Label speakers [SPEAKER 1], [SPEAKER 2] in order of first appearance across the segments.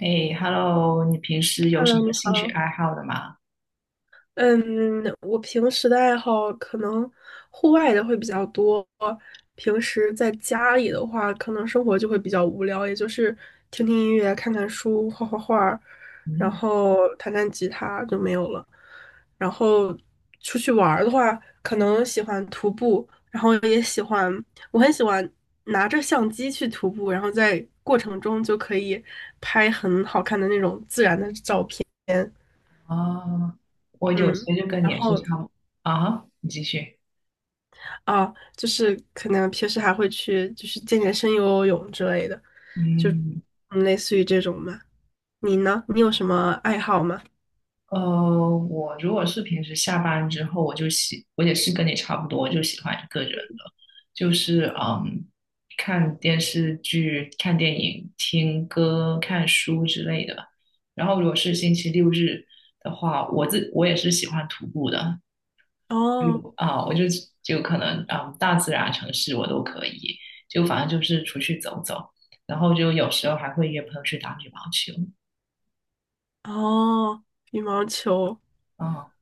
[SPEAKER 1] 哎，Hello，你平时有什
[SPEAKER 2] Hello，
[SPEAKER 1] 么
[SPEAKER 2] 你
[SPEAKER 1] 兴趣
[SPEAKER 2] 好。
[SPEAKER 1] 爱好的吗？
[SPEAKER 2] 嗯，我平时的爱好可能户外的会比较多，平时在家里的话，可能生活就会比较无聊，也就是听听音乐、看看书、画画，然
[SPEAKER 1] 嗯。
[SPEAKER 2] 后弹弹吉他就没有了。然后出去玩儿的话，可能喜欢徒步，然后也喜欢，我很喜欢拿着相机去徒步，然后在过程中就可以拍很好看的那种自然的照片。
[SPEAKER 1] 哦，我有
[SPEAKER 2] 嗯，
[SPEAKER 1] 些就跟你
[SPEAKER 2] 然
[SPEAKER 1] 也是
[SPEAKER 2] 后
[SPEAKER 1] 差不，啊，你继续。
[SPEAKER 2] 就是可能平时还会去，就是健健身、游游泳之类的，就
[SPEAKER 1] 嗯。
[SPEAKER 2] 类似于这种嘛。你呢？你有什么爱好吗？
[SPEAKER 1] 呃，我如果是平时下班之后，我就喜，我也是跟你差不多，就喜欢一个人的，就是看电视剧、看电影、听歌、看书之类的。然后如果是星期六日的话，我也是喜欢徒步的。
[SPEAKER 2] 哦
[SPEAKER 1] 啊，我就可能，大自然、城市我都可以，就反正就是出去走走，然后就有时候还会约朋友去打羽毛球。
[SPEAKER 2] 哦，羽毛球。
[SPEAKER 1] 啊。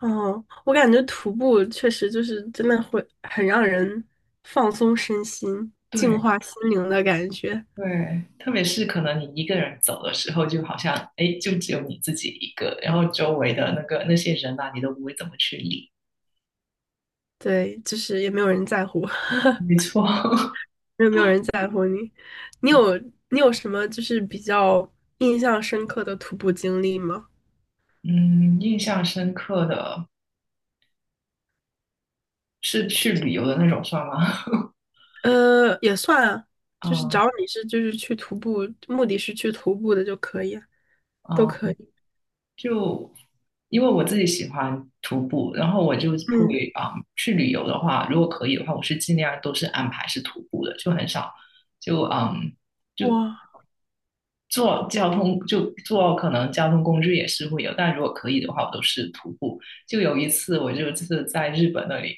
[SPEAKER 2] 哦，我感觉徒步确实就是真的会很让人放松身心、净
[SPEAKER 1] 对
[SPEAKER 2] 化心灵的感觉。
[SPEAKER 1] 对，特别是可能你一个人走的时候，就好像哎，就只有你自己一个，然后周围的那个那些人啊，你都不会怎么去理。
[SPEAKER 2] 对，就是也没有人在乎。
[SPEAKER 1] 没错。
[SPEAKER 2] 没有，没有人在乎你。你有你有什么就是比较印象深刻的徒步经历吗？
[SPEAKER 1] 嗯，印象深刻的是去旅游的那种算吗？
[SPEAKER 2] 也算啊，就是只要
[SPEAKER 1] 啊
[SPEAKER 2] 你是就是去徒步，目的是去徒步的就可以啊都
[SPEAKER 1] 啊、
[SPEAKER 2] 可
[SPEAKER 1] 嗯
[SPEAKER 2] 以。
[SPEAKER 1] 就因为我自己喜欢徒步，然后我就会
[SPEAKER 2] 嗯，
[SPEAKER 1] 去旅游的话，如果可以的话，我是尽量都是安排是徒步的，就很少就就
[SPEAKER 2] 哇，
[SPEAKER 1] 坐交通就坐可能交通工具也是会有，但如果可以的话，我都是徒步。就有一次我就是在日本那里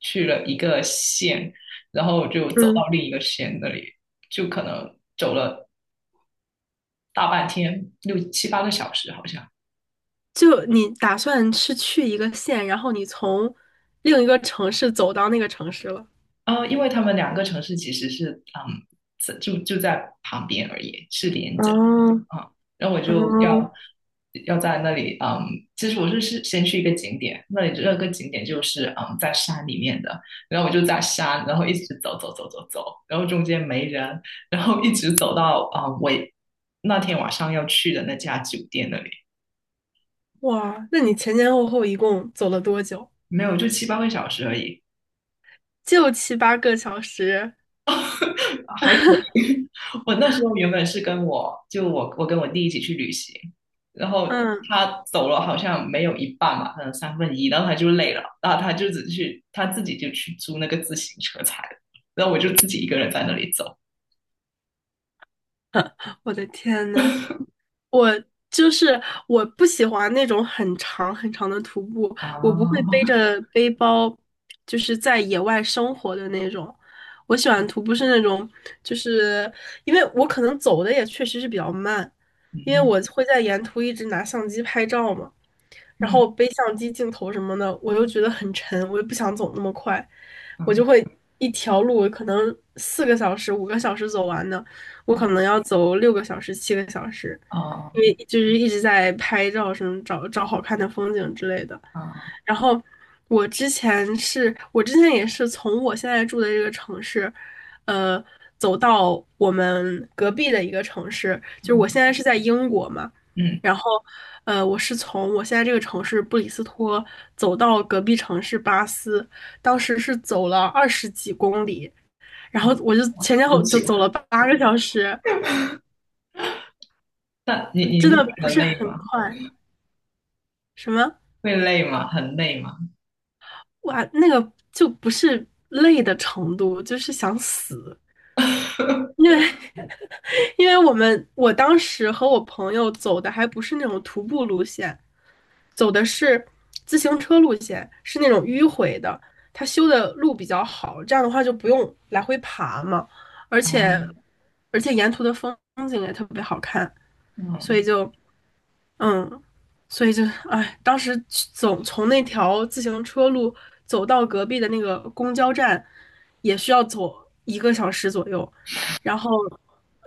[SPEAKER 1] 去了一个县，然后就走
[SPEAKER 2] 嗯，
[SPEAKER 1] 到另一个县那里，就可能走了大半天，6、7、8个小时好像。
[SPEAKER 2] 就你打算是去一个县，然后你从另一个城市走到那个城市了。
[SPEAKER 1] 因为他们两个城市其实是就在旁边而已，是连
[SPEAKER 2] 哦
[SPEAKER 1] 着啊。然后我就要
[SPEAKER 2] 哦，
[SPEAKER 1] 要在那里。嗯，其实我是先去一个景点，那里那个景点就是在山里面的，然后我就在山，然后一直走走走走走，然后中间没人，然后一直走到我那天晚上要去的那家酒店那里。
[SPEAKER 2] 哇，那你前前后后一共走了多久？
[SPEAKER 1] 没有就七八个小时而已。
[SPEAKER 2] 就七八个小时。
[SPEAKER 1] 还可以。我那时候原本是跟我就我我跟我弟一起去旅行，然后
[SPEAKER 2] 嗯，
[SPEAKER 1] 他走了好像没有一半吧，可能1/3，然后他就累了，然后他就只去他自己就去租那个自行车踩了，然后我就自己一个人在那里走。
[SPEAKER 2] 我的天呐，我就是我不喜欢那种很长很长的徒步，
[SPEAKER 1] 啊，
[SPEAKER 2] 我不会背着背包，就是在野外生活的那种。我喜欢徒步是那种，就是因为我可能走的也确实是比较慢，因为
[SPEAKER 1] 嗯，
[SPEAKER 2] 我会在沿途一直拿相机拍照嘛，然
[SPEAKER 1] 嗯，
[SPEAKER 2] 后背相机镜头什么的，我又觉得很沉，我又不想走那么快，我就
[SPEAKER 1] 嗯，
[SPEAKER 2] 会一条路可能四个小时、五个小时走完的，我可
[SPEAKER 1] 嗯。
[SPEAKER 2] 能要走6个小时、7个小时，
[SPEAKER 1] 哦，
[SPEAKER 2] 因为就是一直在拍照什么找找好看的风景之类的。
[SPEAKER 1] 哦。
[SPEAKER 2] 然后我之前是我之前也是从我现在住的这个城市，呃，走到我们隔壁的一个城市，就是我现
[SPEAKER 1] 嗯，
[SPEAKER 2] 在是在英国嘛，
[SPEAKER 1] 嗯，
[SPEAKER 2] 然后我是从我现在这个城市布里斯托走到隔壁城市巴斯，当时是走了20几公里，然后
[SPEAKER 1] 嗯。
[SPEAKER 2] 我就前前
[SPEAKER 1] 不
[SPEAKER 2] 后就
[SPEAKER 1] 久。
[SPEAKER 2] 走了八个小时，
[SPEAKER 1] 但你
[SPEAKER 2] 真
[SPEAKER 1] 会
[SPEAKER 2] 的
[SPEAKER 1] 觉
[SPEAKER 2] 不
[SPEAKER 1] 得
[SPEAKER 2] 是
[SPEAKER 1] 累
[SPEAKER 2] 很
[SPEAKER 1] 吗？
[SPEAKER 2] 快。什么
[SPEAKER 1] 会累吗？很累吗？
[SPEAKER 2] 哇，那个就不是累的程度，就是想死。因为因为我当时和我朋友走的还不是那种徒步路线，走的是自行车路线，是那种迂回的。他修的路比较好，这样的话就不用来回爬嘛，而且
[SPEAKER 1] 啊。
[SPEAKER 2] 而且沿途的风景也特别好看，所以
[SPEAKER 1] 嗯。
[SPEAKER 2] 就嗯，所以就，哎，当时去走从那条自行车路走到隔壁的那个公交站，也需要走1个小时左右。然后，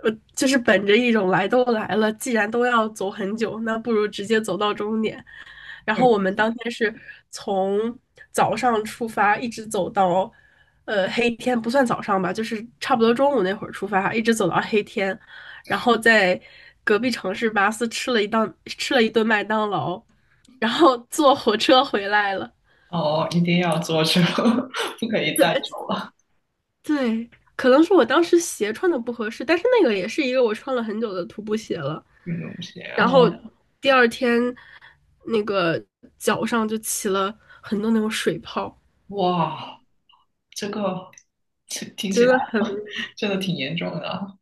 [SPEAKER 2] 就是本着一种来都来了，既然都要走很久，那不如直接走到终点。然后我们当天是从早上出发，一直走到黑天，不算早上吧，就是差不多中午那会儿出发，一直走到黑天，然后在隔壁城市巴斯吃了一顿麦当劳，然后坐火车回来了。
[SPEAKER 1] 哦，一定要坐车，不可以再
[SPEAKER 2] 对
[SPEAKER 1] 穿
[SPEAKER 2] 对，可能是我当时鞋穿的不合适，但是那个也是一个我穿了很久的徒步鞋了。
[SPEAKER 1] 运动鞋
[SPEAKER 2] 然
[SPEAKER 1] 啊！
[SPEAKER 2] 后
[SPEAKER 1] 嗯。
[SPEAKER 2] 第二天那个脚上就起了很多那种水泡。
[SPEAKER 1] 哇，这个这听起
[SPEAKER 2] 真
[SPEAKER 1] 来
[SPEAKER 2] 的很，
[SPEAKER 1] 真的挺严重的啊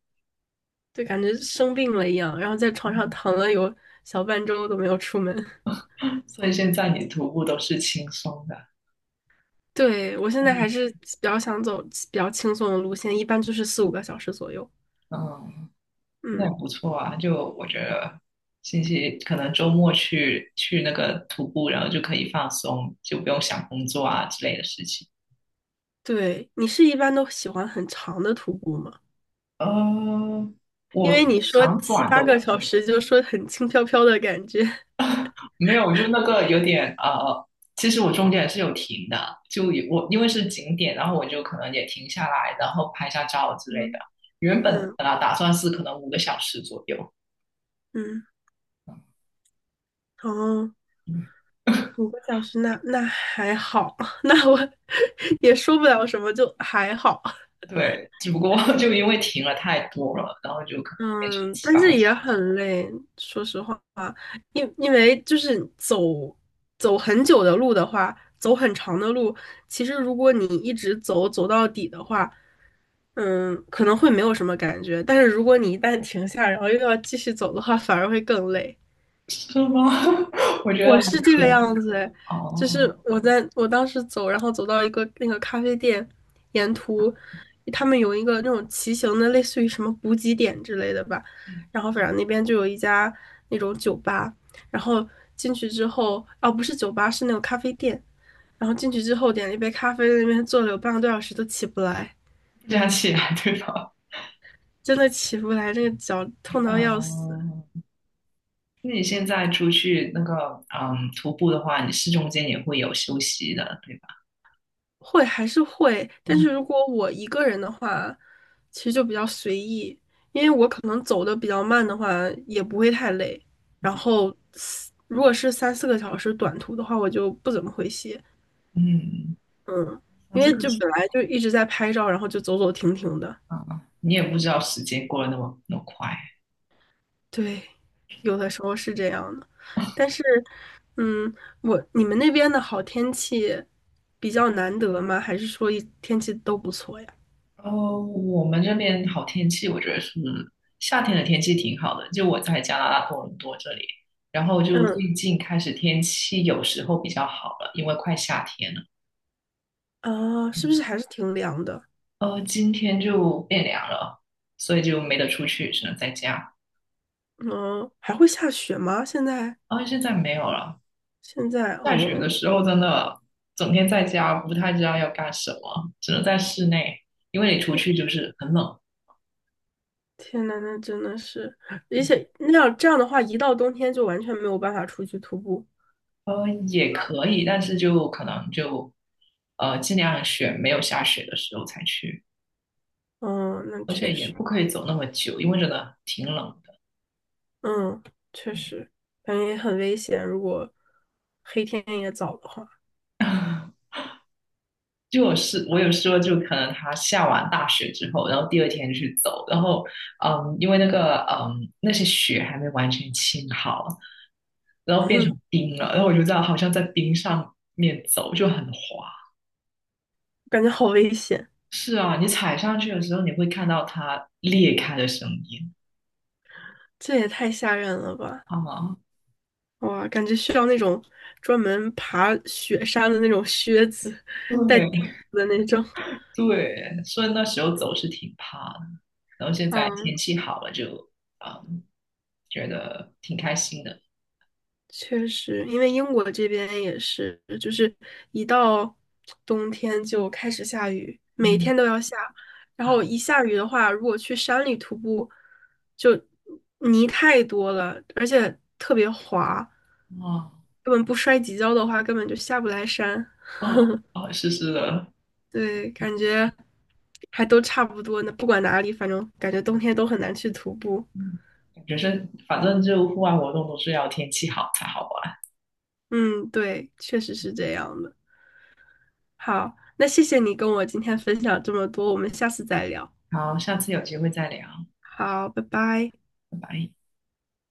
[SPEAKER 2] 就感觉生病了一样，然后在床上
[SPEAKER 1] 嗯，
[SPEAKER 2] 躺了有小半周都没有出门。
[SPEAKER 1] 所以现在你徒步都是轻松的。
[SPEAKER 2] 对，我现在还
[SPEAKER 1] 嗯
[SPEAKER 2] 是比较想走比较轻松的路线，一般就是四五个小时左右。
[SPEAKER 1] 嗯，那也
[SPEAKER 2] 嗯，
[SPEAKER 1] 不错啊。就我觉得星期可能周末去去那个徒步，然后就可以放松，就不用想工作啊之类的事情。
[SPEAKER 2] 对，你是一般都喜欢很长的徒步吗？
[SPEAKER 1] 呃，
[SPEAKER 2] 因为
[SPEAKER 1] 我
[SPEAKER 2] 你说
[SPEAKER 1] 长
[SPEAKER 2] 七
[SPEAKER 1] 短
[SPEAKER 2] 八
[SPEAKER 1] 都
[SPEAKER 2] 个
[SPEAKER 1] 可
[SPEAKER 2] 小
[SPEAKER 1] 以。
[SPEAKER 2] 时，就说很轻飘飘的感觉。
[SPEAKER 1] 没有，就那个有点其实我中间也是有停的，就也我因为是景点，然后我就可能也停下来，然后拍下照之类的。
[SPEAKER 2] 嗯
[SPEAKER 1] 原本
[SPEAKER 2] 嗯
[SPEAKER 1] 本来打算是可能5个小时左右。
[SPEAKER 2] 嗯，哦，
[SPEAKER 1] 嗯，
[SPEAKER 2] 五个小时那还好，那我 也说不了什么，就还好。
[SPEAKER 1] 对，只不过 就因为停了太多了，然后就可能变成
[SPEAKER 2] 嗯，
[SPEAKER 1] 七
[SPEAKER 2] 但
[SPEAKER 1] 八
[SPEAKER 2] 是
[SPEAKER 1] 个小
[SPEAKER 2] 也很累，说实话，因为就是走走很久的路的话，走很长的路，其实如果你一直走走到底的话，嗯，可能会没有什么感觉，但是如果你一旦停下，然后又要继续走的话，反而会更累。
[SPEAKER 1] 时，是吗？我觉得
[SPEAKER 2] 我
[SPEAKER 1] 还
[SPEAKER 2] 是这
[SPEAKER 1] 可
[SPEAKER 2] 个
[SPEAKER 1] 以
[SPEAKER 2] 样子诶，就是
[SPEAKER 1] 哦。
[SPEAKER 2] 我在我当时走，然后走到一个那个咖啡店，沿途他们有一个那种骑行的，类似于什么补给点之类的吧，
[SPEAKER 1] 嗯
[SPEAKER 2] 然后反正那边就有一家那种酒吧，然后进去之后，哦不是酒吧，是那种咖啡店，然后进去之后点了一杯咖啡，在那边坐了有半个多小时都起不来，
[SPEAKER 1] 这样起来对吧
[SPEAKER 2] 真的起不来，那个脚痛 到要死。
[SPEAKER 1] 嗯，那你现在出去那个徒步的话，你是中间也会有休息的，对吧？
[SPEAKER 2] 会还是会，但是
[SPEAKER 1] 嗯。
[SPEAKER 2] 如果我一个人的话，其实就比较随意，因为我可能走的比较慢的话，也不会太累。然后如果是三四个小时短途的话，我就不怎么会歇。
[SPEAKER 1] 嗯，
[SPEAKER 2] 嗯，
[SPEAKER 1] 那
[SPEAKER 2] 因
[SPEAKER 1] 这
[SPEAKER 2] 为
[SPEAKER 1] 个
[SPEAKER 2] 就
[SPEAKER 1] 是，
[SPEAKER 2] 本来就一直在拍照，然后就走走停停的，
[SPEAKER 1] 啊，你也不知道时间过得那么那么快。
[SPEAKER 2] 对，有的时候是这样的。但是，嗯，我你们那边的好天气比较难得吗？还是说一天气都不错呀？
[SPEAKER 1] 哦，我们这边好天气，我觉得是夏天的天气挺好的。就我在加拿大多伦多这里，然后就
[SPEAKER 2] 嗯，
[SPEAKER 1] 最近开始天气有时候比较好了，因为快夏天了。
[SPEAKER 2] 啊，是不
[SPEAKER 1] 嗯。
[SPEAKER 2] 是还是挺凉的？
[SPEAKER 1] 今天就变凉了，所以就没得出去，只能在家。
[SPEAKER 2] 嗯，还会下雪吗？现在
[SPEAKER 1] 啊，现在没有了。
[SPEAKER 2] 现在，
[SPEAKER 1] 下雪的
[SPEAKER 2] 哦，
[SPEAKER 1] 时候真的整天在家，不太知道要干什么，只能在室内，因为你出去
[SPEAKER 2] 天
[SPEAKER 1] 就是很冷。
[SPEAKER 2] 天呐，那真的是，而且那样这样的话，一到冬天就完全没有办法出去徒步。
[SPEAKER 1] 也可以，但是就可能就尽量选没有下雪的时候才去，
[SPEAKER 2] 嗯，那
[SPEAKER 1] 而
[SPEAKER 2] 确
[SPEAKER 1] 且也
[SPEAKER 2] 实，
[SPEAKER 1] 不可以走那么久，因为真的挺冷的。
[SPEAKER 2] 嗯，确实，感觉也很危险。如果黑天也早的话，
[SPEAKER 1] 就我有说，就可能他下完大雪之后，然后第二天去走，然后，因为那个那些雪还没完全清好，然后变成
[SPEAKER 2] 嗯，
[SPEAKER 1] 冰了，然后我就这样好像在冰上面走，就很滑。
[SPEAKER 2] 感觉好危险，
[SPEAKER 1] 是啊，你踩上去的时候，你会看到它裂开的声音
[SPEAKER 2] 这也太吓人了吧！
[SPEAKER 1] 啊。
[SPEAKER 2] 哇，感觉需要那种专门爬雪山的那种靴子，带钉
[SPEAKER 1] 对，
[SPEAKER 2] 子的那种。
[SPEAKER 1] 对，所以那时候走是挺怕的，然后现在天
[SPEAKER 2] 嗯，
[SPEAKER 1] 气好了就，嗯，觉得挺开心的。
[SPEAKER 2] 确实，因为英国这边也是，就是一到冬天就开始下雨，每
[SPEAKER 1] 嗯。
[SPEAKER 2] 天都要下。然
[SPEAKER 1] 啊。
[SPEAKER 2] 后一下雨的话，如果去山里徒步，就泥太多了，而且特别滑，
[SPEAKER 1] 哦，
[SPEAKER 2] 根本不摔几跤的话，根本就下不来山。
[SPEAKER 1] 哦，哦，是是的。
[SPEAKER 2] 对，感觉还都差不多呢，不管哪里，反正感觉冬天都很难去徒步。
[SPEAKER 1] 嗯。感觉是，反正就户外活动都是要天气好才好玩。
[SPEAKER 2] 嗯，对，确实是这样的。好，那谢谢你跟我今天分享这么多，我们下次再聊。
[SPEAKER 1] 好，下次有机会再聊，
[SPEAKER 2] 好，拜拜。
[SPEAKER 1] 拜拜。